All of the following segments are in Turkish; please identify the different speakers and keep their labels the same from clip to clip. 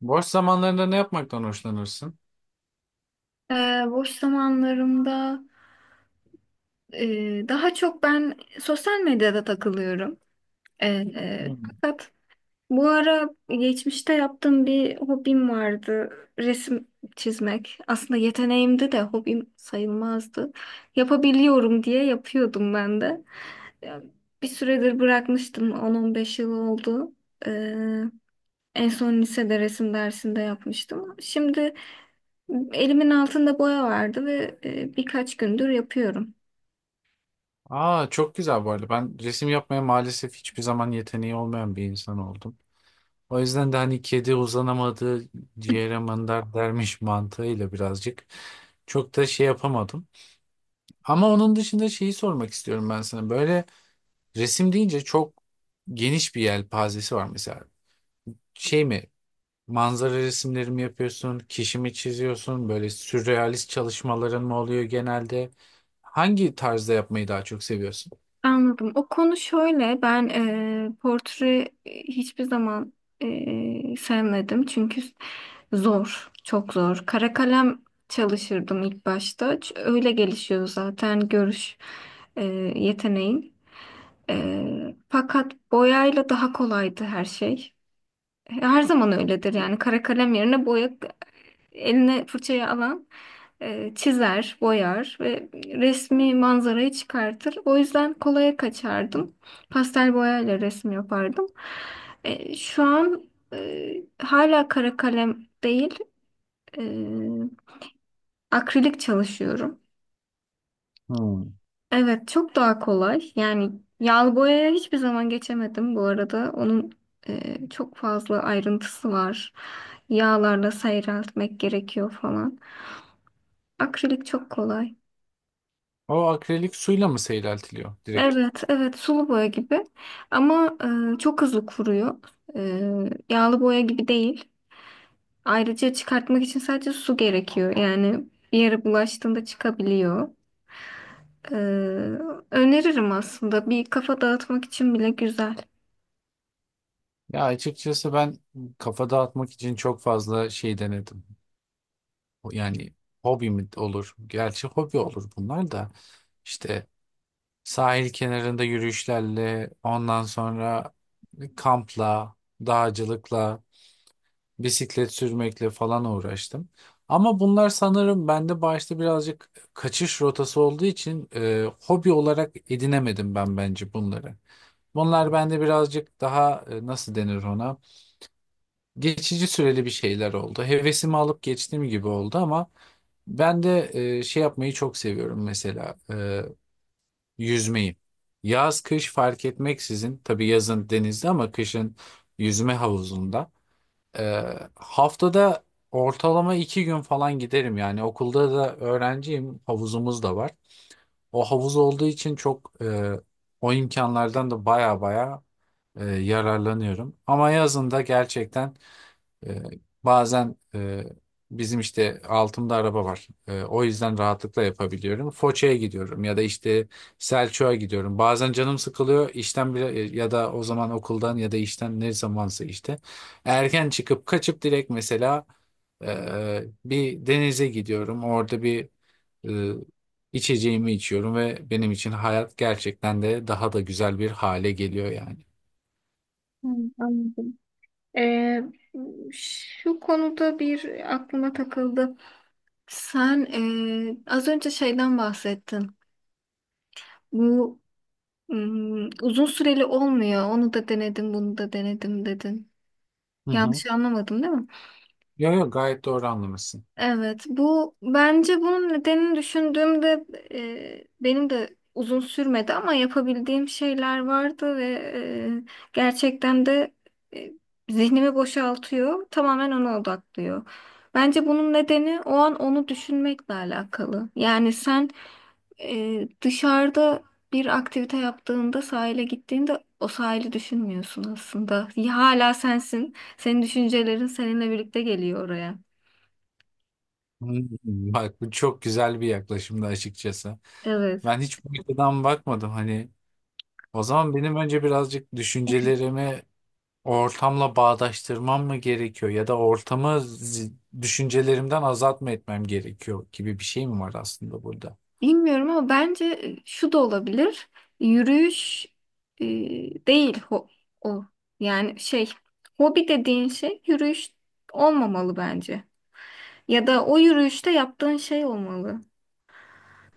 Speaker 1: Boş zamanlarında ne yapmaktan hoşlanırsın?
Speaker 2: Ee, Boş zamanlarımda daha çok ben sosyal medyada takılıyorum. Ee,
Speaker 1: Hmm.
Speaker 2: Fakat bu ara geçmişte yaptığım bir hobim vardı. Resim çizmek. Aslında yeteneğimdi de hobim sayılmazdı. Yapabiliyorum diye yapıyordum ben de. Ya, bir süredir bırakmıştım. 10-15 yıl oldu. Ee, En son lisede resim dersinde yapmıştım. Şimdi elimin altında boya vardı ve birkaç gündür yapıyorum.
Speaker 1: Aa, çok güzel bu arada. Ben resim yapmaya maalesef hiçbir zaman yeteneği olmayan bir insan oldum. O yüzden de hani kedi uzanamadı ciğere mandar dermiş mantığıyla birazcık çok da şey yapamadım. Ama onun dışında şeyi sormak istiyorum ben sana. Böyle resim deyince çok geniş bir yelpazesi var mesela. Şey mi, manzara resimlerimi yapıyorsun? Kişimi çiziyorsun? Böyle sürrealist çalışmaların mı oluyor genelde? Hangi tarzda yapmayı daha çok seviyorsun?
Speaker 2: Anladım. O konu şöyle, ben portre hiçbir zaman sevmedim çünkü zor, çok zor. Kara kalem çalışırdım ilk başta. Öyle gelişiyor zaten görüş e, yeteneğin. Fakat boyayla daha kolaydı her şey. Her zaman öyledir yani kara kalem yerine boya eline fırçayı alan çizer, boyar ve resmi manzarayı çıkartır. O yüzden kolaya kaçardım. Pastel boyayla resim yapardım. Şu an hala kara kalem değil, e, akrilik çalışıyorum.
Speaker 1: Hmm.
Speaker 2: Evet, çok daha kolay. Yani yağlı boyaya hiçbir zaman geçemedim bu arada. Onun çok fazla ayrıntısı var. Yağlarla seyreltmek gerekiyor falan. Akrilik çok kolay.
Speaker 1: O akrilik suyla mı seyreltiliyor direkt?
Speaker 2: Evet, evet, sulu boya gibi ama çok hızlı kuruyor. Yağlı boya gibi değil. Ayrıca çıkartmak için sadece su gerekiyor. Yani bir yere bulaştığında çıkabiliyor. E, Öneririm aslında. Bir kafa dağıtmak için bile güzel.
Speaker 1: Ya açıkçası ben kafa dağıtmak için çok fazla şey denedim. Yani hobi mi olur? Gerçi hobi olur bunlar da. İşte sahil kenarında yürüyüşlerle, ondan sonra kampla, dağcılıkla, bisiklet sürmekle falan uğraştım. Ama bunlar sanırım bende başta birazcık kaçış rotası olduğu için hobi olarak edinemedim ben, bence bunları. Bunlar bende birazcık daha nasıl denir ona? Geçici süreli bir şeyler oldu. Hevesimi alıp geçtiğim gibi oldu ama ben de şey yapmayı çok seviyorum mesela, yüzmeyi. Yaz kış fark etmeksizin, tabii yazın denizde ama kışın yüzme havuzunda. Haftada ortalama 2 gün falan giderim, yani okulda da öğrenciyim, havuzumuz da var. O havuz olduğu için çok, o imkanlardan da baya baya yararlanıyorum. Ama yazında gerçekten, ee, bazen bizim işte altımda araba var. O yüzden rahatlıkla yapabiliyorum. Foça'ya gidiyorum ya da işte Selçuk'a gidiyorum. Bazen canım sıkılıyor işten bile, ya da o zaman okuldan ya da işten ne zamansa işte. Erken çıkıp kaçıp direkt mesela bir denize gidiyorum. Orada bir ee, içeceğimi içiyorum ve benim için hayat gerçekten de daha da güzel bir hale geliyor yani.
Speaker 2: Hmm, anladım. E, Şu konuda bir aklıma takıldı. Sen az önce şeyden bahsettin. Bu uzun süreli olmuyor. Onu da denedim, bunu da denedim dedin.
Speaker 1: Hı hı.
Speaker 2: Yanlış anlamadım değil mi?
Speaker 1: Yok, yok, gayet doğru anlamışsın.
Speaker 2: Evet, bu bence bunun nedenini düşündüğümde benim de uzun sürmedi ama yapabildiğim şeyler vardı ve gerçekten de e, zihnimi boşaltıyor, tamamen ona odaklıyor. Bence bunun nedeni o an onu düşünmekle alakalı. Yani sen dışarıda bir aktivite yaptığında sahile gittiğinde o sahili düşünmüyorsun aslında. Hala sensin, senin düşüncelerin seninle birlikte geliyor oraya.
Speaker 1: Hmm, bak bu çok güzel bir yaklaşımdı açıkçası.
Speaker 2: Evet.
Speaker 1: Ben hiç bu açıdan bakmadım hani. O zaman benim önce birazcık düşüncelerimi ortamla bağdaştırmam mı gerekiyor, ya da ortamı düşüncelerimden azat mı etmem gerekiyor gibi bir şey mi var aslında burada?
Speaker 2: Bilmiyorum ama bence şu da olabilir. Yürüyüş e, değil ho- o. Yani şey, hobi dediğin şey yürüyüş olmamalı bence. Ya da o yürüyüşte yaptığın şey olmalı.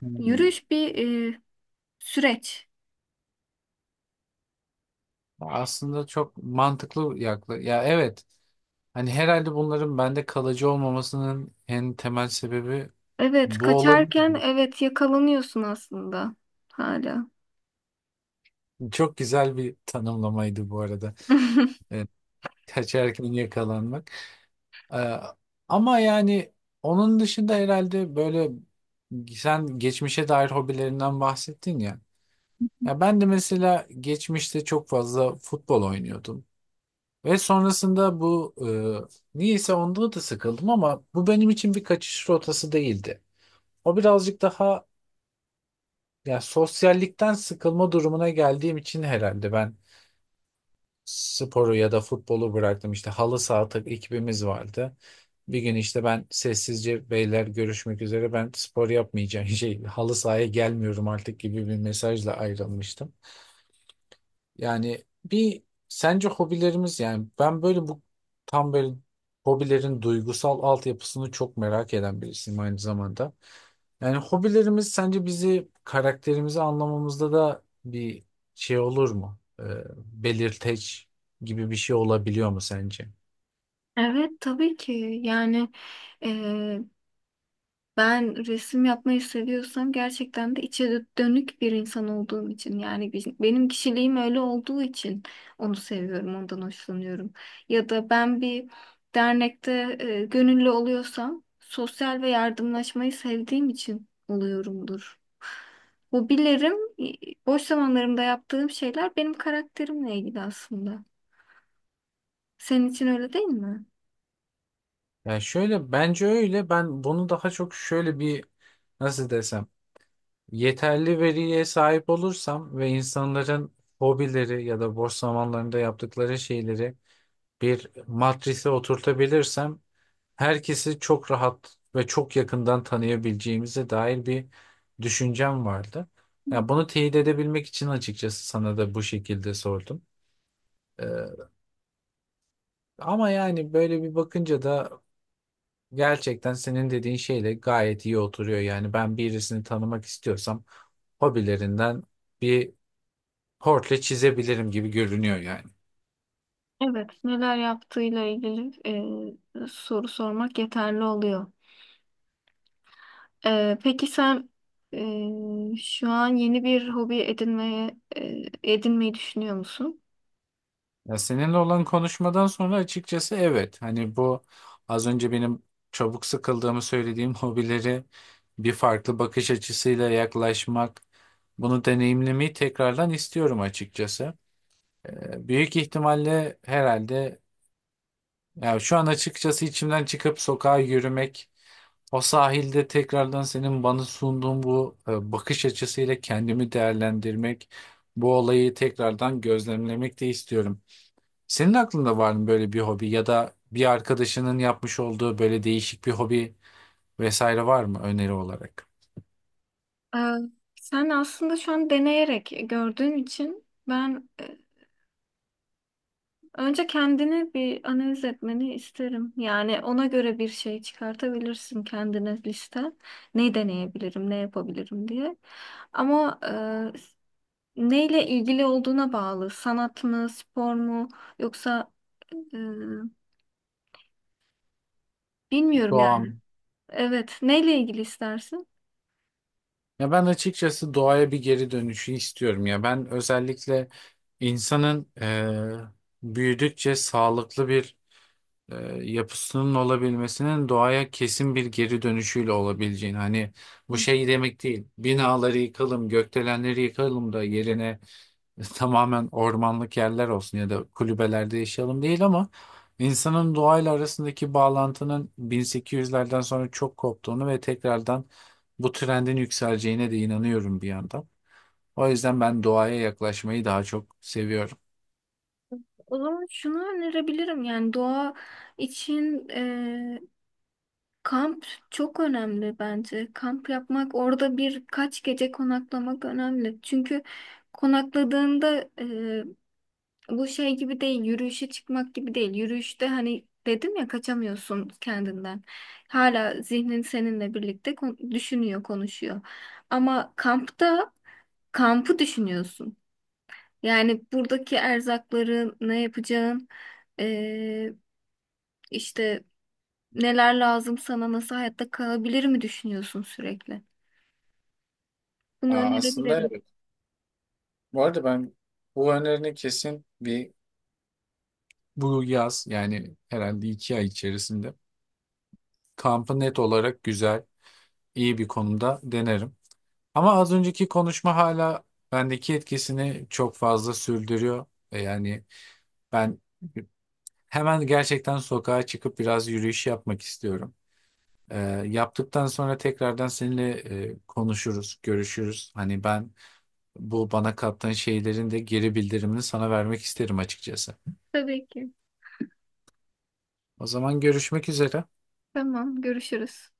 Speaker 1: Hmm.
Speaker 2: Yürüyüş bir e, süreç.
Speaker 1: Aslında çok mantıklı ya, evet, hani herhalde bunların bende kalıcı olmamasının en temel sebebi
Speaker 2: Evet,
Speaker 1: bu olabilir.
Speaker 2: kaçarken, evet, yakalanıyorsun aslında hala.
Speaker 1: Çok güzel bir tanımlamaydı bu arada. Evet, kaçarken yakalanmak. Ee, Ama yani onun dışında herhalde böyle, sen geçmişe dair hobilerinden bahsettin ya. Ya ben de mesela geçmişte çok fazla futbol oynuyordum. Ve sonrasında bu niyeyse onda da sıkıldım, ama bu benim için bir kaçış rotası değildi. O birazcık daha, ya sosyallikten sıkılma durumuna geldiğim için herhalde ben sporu ya da futbolu bıraktım. İşte halı saha ekibimiz vardı. Bir gün işte ben sessizce "beyler, görüşmek üzere, ben spor yapmayacağım" şey, halı sahaya gelmiyorum artık gibi bir mesajla ayrılmıştım. Yani bir, sence hobilerimiz, yani ben böyle bu, tam böyle hobilerin duygusal altyapısını çok merak eden birisiyim aynı zamanda. Yani hobilerimiz sence bizi, karakterimizi anlamamızda da bir şey olur mu? Belirteç gibi bir şey olabiliyor mu sence?
Speaker 2: Evet, tabii ki. Yani e, Ben resim yapmayı seviyorsam gerçekten de içe dönük bir insan olduğum için, yani benim kişiliğim öyle olduğu için onu seviyorum, ondan hoşlanıyorum. Ya da ben bir dernekte gönüllü oluyorsam sosyal ve yardımlaşmayı sevdiğim için oluyorumdur. Hobilerim, e, boş zamanlarımda yaptığım şeyler benim karakterimle ilgili aslında. Senin için öyle değil mi?
Speaker 1: Yani şöyle, bence öyle. Ben bunu daha çok şöyle bir, nasıl desem, yeterli veriye sahip olursam ve insanların hobileri ya da boş zamanlarında yaptıkları şeyleri bir matrise oturtabilirsem, herkesi çok rahat ve çok yakından tanıyabileceğimize dair bir düşüncem vardı. Ya bunu teyit edebilmek için açıkçası sana da bu şekilde sordum. Ee, Ama yani böyle bir bakınca da gerçekten senin dediğin şeyle gayet iyi oturuyor. Yani ben birisini tanımak istiyorsam, hobilerinden bir hortle çizebilirim gibi görünüyor yani.
Speaker 2: Evet, neler yaptığıyla ilgili soru sormak yeterli oluyor. Peki sen şu an yeni bir hobi edinmeyi düşünüyor musun?
Speaker 1: Ya seninle olan konuşmadan sonra açıkçası evet. Hani bu, az önce benim çabuk sıkıldığımı söylediğim hobileri bir farklı bakış açısıyla yaklaşmak, bunu deneyimlemeyi tekrardan istiyorum açıkçası. Büyük ihtimalle herhalde, ya şu an açıkçası içimden çıkıp sokağa yürümek, o sahilde tekrardan senin bana sunduğun bu bakış açısıyla kendimi değerlendirmek, bu olayı tekrardan gözlemlemek de istiyorum. Senin aklında var mı böyle bir hobi, ya da bir arkadaşının yapmış olduğu böyle değişik bir hobi vesaire, var mı öneri olarak?
Speaker 2: Ee, Sen aslında şu an deneyerek gördüğün için ben önce kendini bir analiz etmeni isterim. Yani ona göre bir şey çıkartabilirsin kendine liste. Ne deneyebilirim, ne yapabilirim diye. Ama neyle ilgili olduğuna bağlı. Sanat mı, spor mu, yoksa e, bilmiyorum.
Speaker 1: Doğam.
Speaker 2: Evet, neyle ilgili istersin?
Speaker 1: Ya ben açıkçası doğaya bir geri dönüşü istiyorum ya. Ben özellikle insanın, büyüdükçe sağlıklı bir e, yapısının olabilmesinin, doğaya kesin bir geri dönüşüyle olabileceğini, hani bu
Speaker 2: Hı.
Speaker 1: şey demek değil, binaları yıkalım gökdelenleri yıkalım da yerine tamamen ormanlık yerler olsun ya da kulübelerde yaşayalım değil, ama insanın doğayla arasındaki bağlantının 1800'lerden sonra çok koptuğunu ve tekrardan bu trendin yükseleceğine de inanıyorum bir yandan. O yüzden ben doğaya yaklaşmayı daha çok seviyorum.
Speaker 2: O zaman şunu önerebilirim, yani doğa için kamp çok önemli bence. Kamp yapmak, orada birkaç gece konaklamak önemli. Çünkü konakladığında bu şey gibi değil, yürüyüşe çıkmak gibi değil. Yürüyüşte, hani dedim ya, kaçamıyorsun kendinden. Hala zihnin seninle birlikte düşünüyor, konuşuyor. Ama kampta kampı düşünüyorsun. Yani buradaki erzakları ne yapacağın, eee, işte neler lazım sana, nasıl hayatta kalabilir mi düşünüyorsun sürekli? Bunu
Speaker 1: Aa, aslında
Speaker 2: önerebilirim.
Speaker 1: evet. Bu arada ben bu önerini kesin bir, bu yaz, yani herhalde 2 ay içerisinde, kampı net olarak güzel, iyi bir konumda denerim. Ama az önceki konuşma hala bendeki etkisini çok fazla sürdürüyor. Yani ben hemen gerçekten sokağa çıkıp biraz yürüyüş yapmak istiyorum. E, Yaptıktan sonra tekrardan seninle konuşuruz, görüşürüz. Hani ben bu bana kattığın şeylerin de geri bildirimini sana vermek isterim açıkçası.
Speaker 2: Tabii ki.
Speaker 1: O zaman görüşmek üzere.
Speaker 2: Tamam, görüşürüz.